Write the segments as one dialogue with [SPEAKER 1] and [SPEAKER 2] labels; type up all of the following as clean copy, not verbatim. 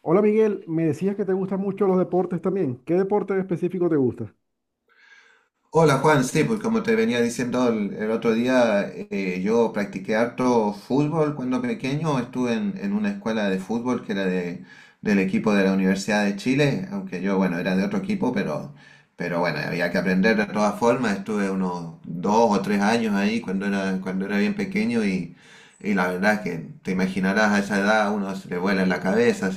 [SPEAKER 1] Hola Miguel, me decías que te gustan mucho los deportes también. ¿Qué deporte en específico te gusta?
[SPEAKER 2] Hola Juan, sí, pues como te venía diciendo el otro día, yo practiqué harto fútbol cuando pequeño, estuve en una escuela de fútbol que era del equipo de la Universidad de Chile, aunque yo, bueno, era de otro equipo, pero bueno, había que aprender de todas formas, estuve unos 2 o 3 años ahí cuando era bien pequeño y la verdad es que te imaginarás a esa edad, uno se le vuela en la cabeza,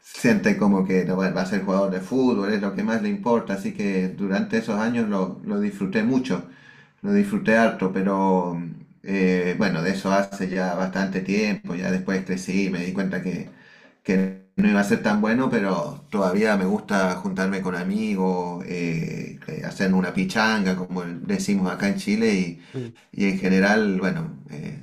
[SPEAKER 2] siente como que no va, va a ser jugador de fútbol, es lo que más le importa, así que durante esos años lo disfruté mucho, lo disfruté harto, pero bueno, de eso hace ya bastante tiempo, ya después crecí, me di cuenta que no iba a ser tan bueno, pero todavía me gusta juntarme con amigos, hacer una pichanga, como decimos acá en Chile,
[SPEAKER 1] Sí,
[SPEAKER 2] y en general, bueno,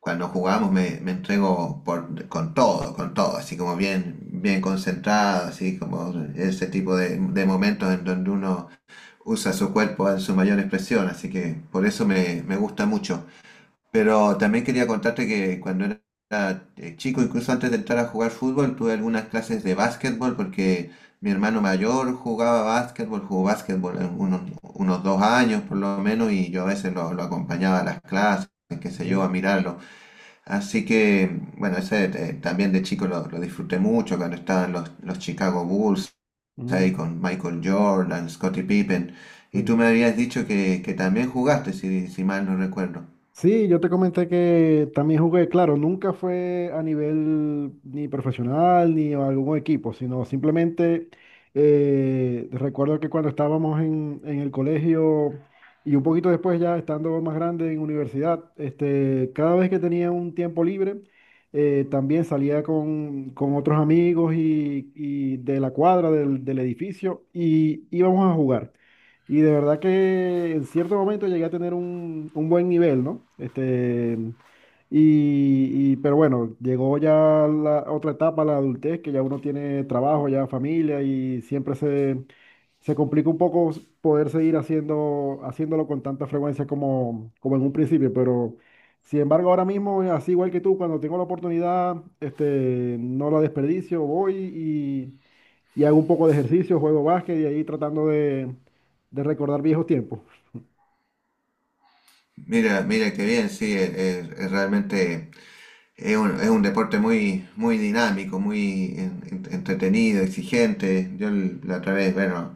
[SPEAKER 2] cuando jugamos me entrego con todo, así como bien, bien concentrado, así como ese tipo de momentos en donde uno usa su cuerpo en su mayor expresión, así que por eso me gusta mucho. Pero también quería contarte que cuando era chico, incluso antes de entrar a jugar fútbol, tuve algunas clases de básquetbol porque mi hermano mayor jugaba básquetbol, jugó básquetbol en unos 2 años por lo menos y yo a veces lo acompañaba a las clases, qué sé yo,
[SPEAKER 1] ya.
[SPEAKER 2] a mirarlo. Así que, bueno, ese también de chico lo disfruté mucho cuando estaban los Chicago Bulls ahí
[SPEAKER 1] Mm,
[SPEAKER 2] con Michael Jordan, Scottie Pippen. Y tú
[SPEAKER 1] sí.
[SPEAKER 2] me habías dicho que también jugaste, si mal no recuerdo.
[SPEAKER 1] Sí, yo te comenté que también jugué, claro, nunca fue a nivel ni profesional ni a algún equipo, sino simplemente recuerdo que cuando estábamos en el colegio y un poquito después ya estando más grande en universidad, este, cada vez que tenía un tiempo libre, también salía con otros amigos y de la cuadra del edificio y íbamos a jugar. Y de verdad que en cierto momento llegué a tener un buen nivel, ¿no? Este, pero bueno, llegó ya la otra etapa, la adultez, que ya uno tiene trabajo, ya familia, y siempre se complica un poco poder seguir haciendo, haciéndolo con tanta frecuencia como, como en un principio. Pero sin embargo, ahora mismo, así igual que tú, cuando tengo la oportunidad, este, no la desperdicio, voy y hago un poco de ejercicio, juego básquet y ahí tratando de recordar viejos tiempos.
[SPEAKER 2] Mira qué bien, sí, es realmente es un deporte muy, muy dinámico, muy entretenido, exigente. La otra vez, bueno,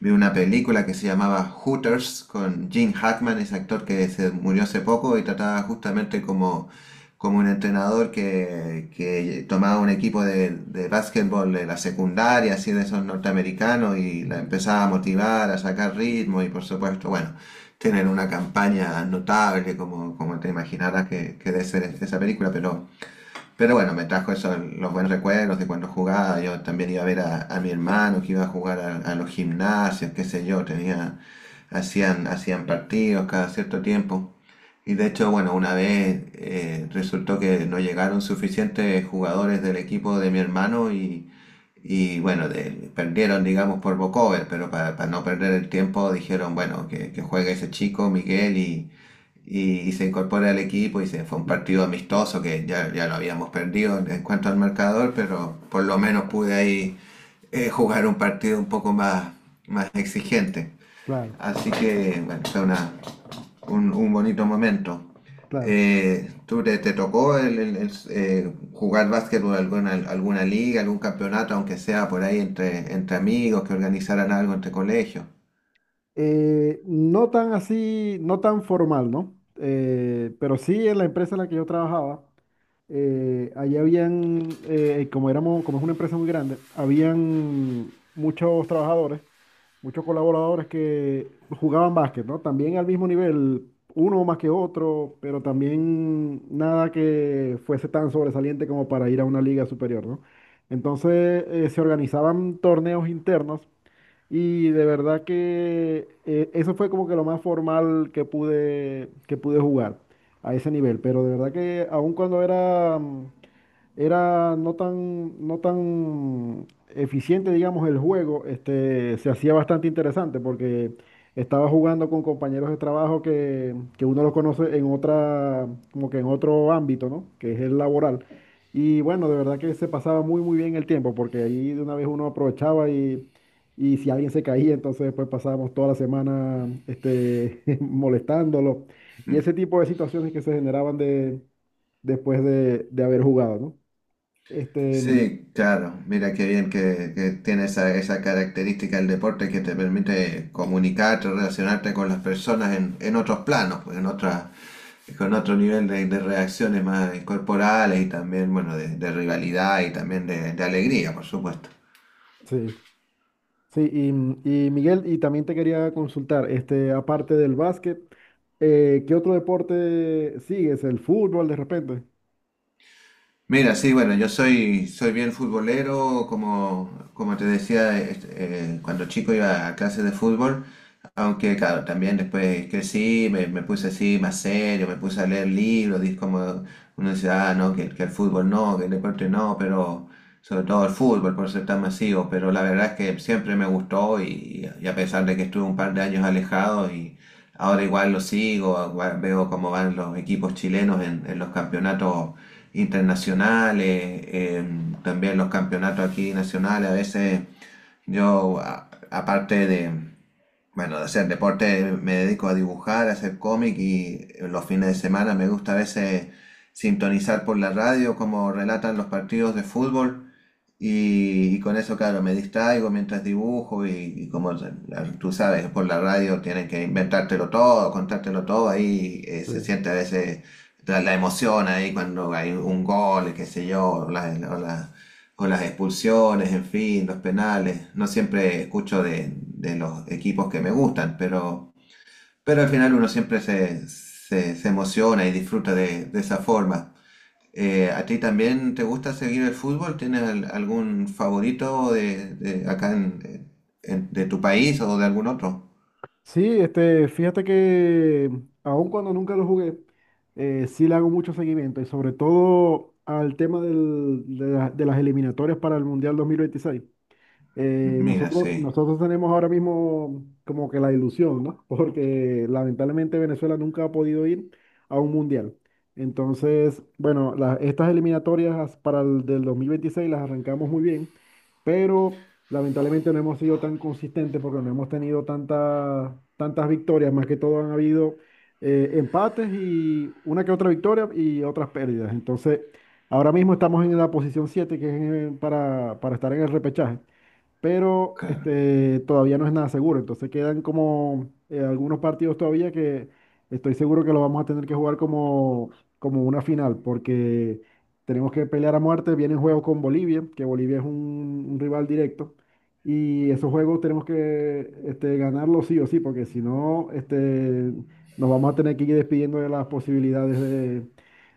[SPEAKER 2] vi una película que se llamaba Hooters con Jim Hackman, ese actor que se murió hace poco y trataba justamente como, como un entrenador que tomaba un equipo de básquetbol de la secundaria, así de esos norteamericanos, y la
[SPEAKER 1] Ujú.
[SPEAKER 2] empezaba a motivar, a sacar ritmo y por supuesto, bueno, tienen una campaña notable como, como te imaginarás que debe ser esa película, pero... Pero bueno, me trajo esos los buenos recuerdos de cuando jugaba. Yo también iba a ver a mi hermano que iba a jugar a los gimnasios, qué sé yo. Tenía, hacían partidos cada cierto tiempo. Y de hecho, bueno, una vez resultó que no llegaron suficientes jugadores del equipo de mi hermano y bueno, perdieron, digamos, por Bocover, pero para no perder el tiempo dijeron, bueno, que juegue ese chico, Miguel, y se incorpora al equipo fue un partido amistoso que ya lo habíamos perdido en cuanto al marcador, pero por lo menos pude ahí jugar un partido un poco más, más exigente.
[SPEAKER 1] Claro,
[SPEAKER 2] Así que, bueno, un bonito momento.
[SPEAKER 1] claro.
[SPEAKER 2] Te tocó jugar básquet por alguna, alguna liga, algún campeonato, aunque sea por ahí entre, entre amigos, que organizaran algo entre colegios?
[SPEAKER 1] No tan así, no tan formal, ¿no? Pero sí en la empresa en la que yo trabajaba, allí habían, como éramos, como es una empresa muy grande, habían muchos trabajadores muchos colaboradores que jugaban básquet, ¿no? También al mismo nivel, uno más que otro, pero también nada que fuese tan sobresaliente como para ir a una liga superior, ¿no? Entonces se organizaban torneos internos y de verdad que eso fue como que lo más formal que que pude jugar a ese nivel, pero de verdad que aun cuando era era no tan, no tan eficiente, digamos, el juego, este, se hacía bastante interesante porque estaba jugando con compañeros de trabajo que uno los conoce en otra, como que en otro ámbito, ¿no? Que es el laboral. Y bueno, de verdad que se pasaba muy, muy bien el tiempo porque ahí de una vez uno aprovechaba y si alguien se caía, entonces después pasábamos toda la semana, este, molestándolo y ese tipo de situaciones que se generaban de, después de haber jugado, ¿no? Este, mm,
[SPEAKER 2] Sí, claro. Mira qué bien que tiene esa, esa característica el deporte que te permite comunicarte, relacionarte con las personas en otros planos, pues, con otro nivel de reacciones más corporales y también, bueno, de rivalidad y también de alegría, por supuesto.
[SPEAKER 1] sí, sí, y, mm, y Miguel, y también te quería consultar, este, aparte del básquet, ¿qué otro deporte sigues? ¿El fútbol de repente?
[SPEAKER 2] Mira, sí, bueno, soy bien futbolero, como, como te decía, cuando chico iba a clases de fútbol, aunque claro, también después crecí, me puse así más serio, me puse a leer libros, como uno dice, ah, no, que el fútbol no, que el deporte no, pero sobre todo el fútbol por ser tan masivo, pero la verdad es que siempre me gustó y a pesar de que estuve un par de años alejado y ahora igual lo sigo, igual veo cómo van los equipos chilenos en los campeonatos internacionales, también los campeonatos aquí nacionales. A veces yo, aparte bueno, de hacer deporte, me dedico a dibujar, a hacer cómic y los fines de semana me gusta a veces sintonizar por la radio como relatan los partidos de fútbol. Y con eso, claro, me distraigo mientras dibujo y como tú sabes, por la radio tienen que inventártelo todo, contártelo todo, ahí se
[SPEAKER 1] Sí.
[SPEAKER 2] siente a veces la emoción ahí cuando hay un gol, qué sé yo, o las expulsiones, en fin, los penales. No siempre escucho de los equipos que me gustan, pero al final uno siempre se emociona y disfruta de esa forma. ¿A ti también te gusta seguir el fútbol? ¿Tienes algún favorito de acá de tu país o de algún otro?
[SPEAKER 1] Sí, este, fíjate que mm, aun cuando nunca lo jugué, sí le hago mucho seguimiento y sobre todo al tema de las eliminatorias para el Mundial 2026.
[SPEAKER 2] Mira,
[SPEAKER 1] Nosotros,
[SPEAKER 2] sí,
[SPEAKER 1] nosotros tenemos ahora mismo como que la ilusión, ¿no? Porque lamentablemente Venezuela nunca ha podido ir a un mundial. Entonces, bueno, estas eliminatorias para el del 2026 las arrancamos muy bien, pero lamentablemente no hemos sido tan consistentes porque no hemos tenido tantas victorias. Más que todo han habido empates y una que otra victoria y otras pérdidas. Entonces, ahora mismo estamos en la posición 7 que es para estar en el repechaje pero
[SPEAKER 2] claro.
[SPEAKER 1] este, todavía no es nada seguro. Entonces quedan como algunos partidos todavía que estoy seguro que los vamos a tener que jugar como, como una final, porque tenemos que pelear a muerte. Vienen juegos con Bolivia, que Bolivia es un rival directo, y esos juegos tenemos que este, ganarlos sí o sí, porque si no, este, nos vamos a tener que ir despidiendo de las posibilidades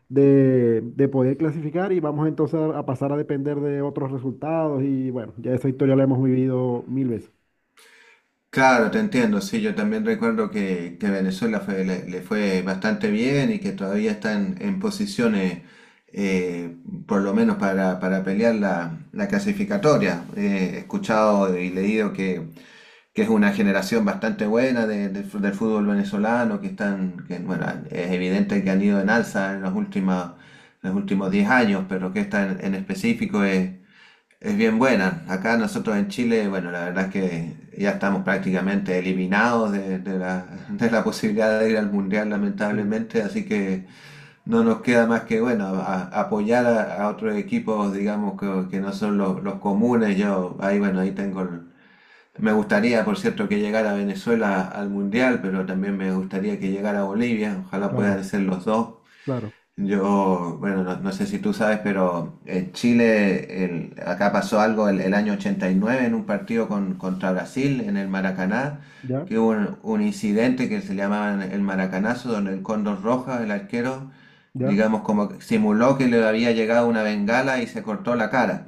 [SPEAKER 1] de poder clasificar y vamos entonces a pasar a depender de otros resultados y bueno, ya esa historia la hemos vivido mil veces.
[SPEAKER 2] Claro, te entiendo, sí, yo también recuerdo que Venezuela le, le fue bastante bien y que todavía está en posiciones, eh, por lo menos para pelear la clasificatoria. He escuchado y leído que es una generación bastante buena del fútbol venezolano, que están, que, bueno, es evidente que han ido en alza en los últimos 10 años, pero que esta en específico es bien buena. Acá nosotros en Chile, bueno, la verdad es que ya estamos prácticamente eliminados de la posibilidad de ir al Mundial,
[SPEAKER 1] Sí,
[SPEAKER 2] lamentablemente, así que no nos queda más que, bueno, apoyar a otros equipos, digamos, que no son los comunes. Yo, ahí, bueno, ahí tengo... Me gustaría, por cierto, que llegara Venezuela al Mundial, pero también me gustaría que llegara Bolivia. Ojalá
[SPEAKER 1] claro,
[SPEAKER 2] puedan ser los dos.
[SPEAKER 1] claro,
[SPEAKER 2] Yo, bueno, no, no sé si tú sabes, pero en Chile, acá pasó algo el año 89 en un partido contra Brasil en el Maracaná,
[SPEAKER 1] ya,
[SPEAKER 2] que hubo un incidente que se llamaba el Maracanazo, donde el Cóndor Roja, el arquero,
[SPEAKER 1] ya,
[SPEAKER 2] digamos, como que simuló que le había llegado una bengala y se cortó la cara.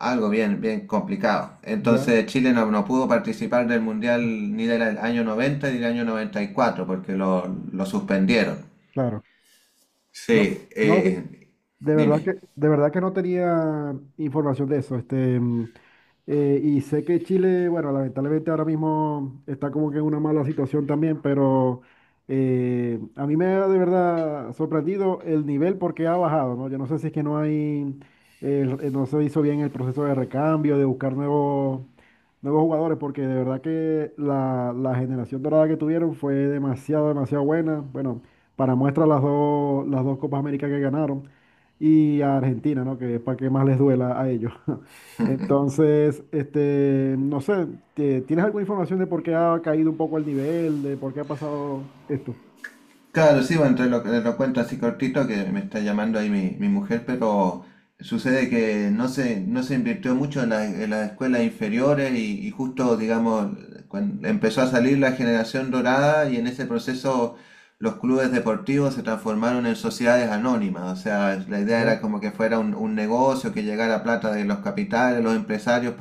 [SPEAKER 2] Algo bien, bien complicado.
[SPEAKER 1] ya,
[SPEAKER 2] Entonces Chile no pudo participar del Mundial ni del año 90 ni del año 94 porque lo suspendieron.
[SPEAKER 1] claro. No,
[SPEAKER 2] Sí,
[SPEAKER 1] no, de verdad
[SPEAKER 2] dime.
[SPEAKER 1] que, de verdad que no tenía información de eso. Este, mm, y sé que Chile, bueno, lamentablemente ahora mismo está como que en una mala situación también, pero a mí me ha de verdad sorprendido el nivel porque ha bajado, ¿no? Yo no sé si es que no hay, no se hizo bien el proceso de recambio, de buscar nuevos, nuevos jugadores, porque de verdad que la generación dorada que tuvieron fue demasiado, demasiado buena. Bueno, para muestra las dos Copas América que ganaron y a Argentina, ¿no? Que para que más les duela a ellos. Entonces, este, no sé, ¿tienes alguna información de por qué ha caído un poco el nivel, de por qué ha pasado esto?
[SPEAKER 2] Claro, sí, bueno, entre lo cuento así cortito que me está llamando ahí mi mujer, pero sucede que no se invirtió mucho en las escuelas inferiores y justo, digamos, cuando empezó a salir la generación dorada y en ese proceso los clubes deportivos se transformaron en sociedades anónimas, o sea, la idea
[SPEAKER 1] Ya,
[SPEAKER 2] era como que fuera un negocio que llegara plata de los capitales, los empresarios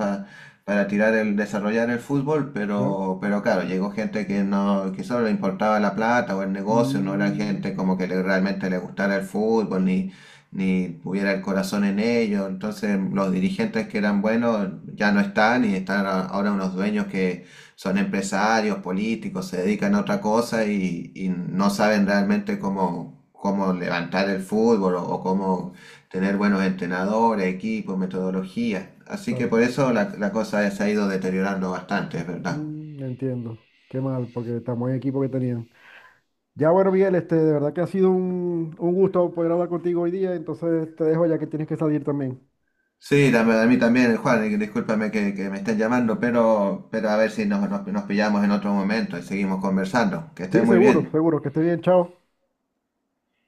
[SPEAKER 2] para tirar el, desarrollar el fútbol,
[SPEAKER 1] ya.
[SPEAKER 2] pero claro, llegó gente que no, que solo le importaba la plata o el negocio, no era
[SPEAKER 1] Mm,
[SPEAKER 2] gente como realmente le gustara el fútbol, ni tuviera el corazón en ello. Entonces, los dirigentes que eran buenos ya no están y están ahora unos dueños que son empresarios, políticos, se dedican a otra cosa y no saben realmente cómo, cómo levantar el fútbol o cómo tener buenos entrenadores, equipos, metodología. Así que
[SPEAKER 1] claro.
[SPEAKER 2] por eso la cosa se ha ido deteriorando bastante, es verdad.
[SPEAKER 1] Mm, entiendo. Qué mal, porque tan buen equipo que tenían. Ya bueno, Miguel, este, de verdad que ha sido un gusto poder hablar contigo hoy día, entonces te dejo ya que tienes que salir también.
[SPEAKER 2] Sí, a mí también, Juan, y discúlpame que me estén llamando, pero a ver si nos pillamos en otro momento y seguimos conversando. Que esté
[SPEAKER 1] Sí,
[SPEAKER 2] muy
[SPEAKER 1] seguro,
[SPEAKER 2] bien.
[SPEAKER 1] seguro, que esté bien, chao.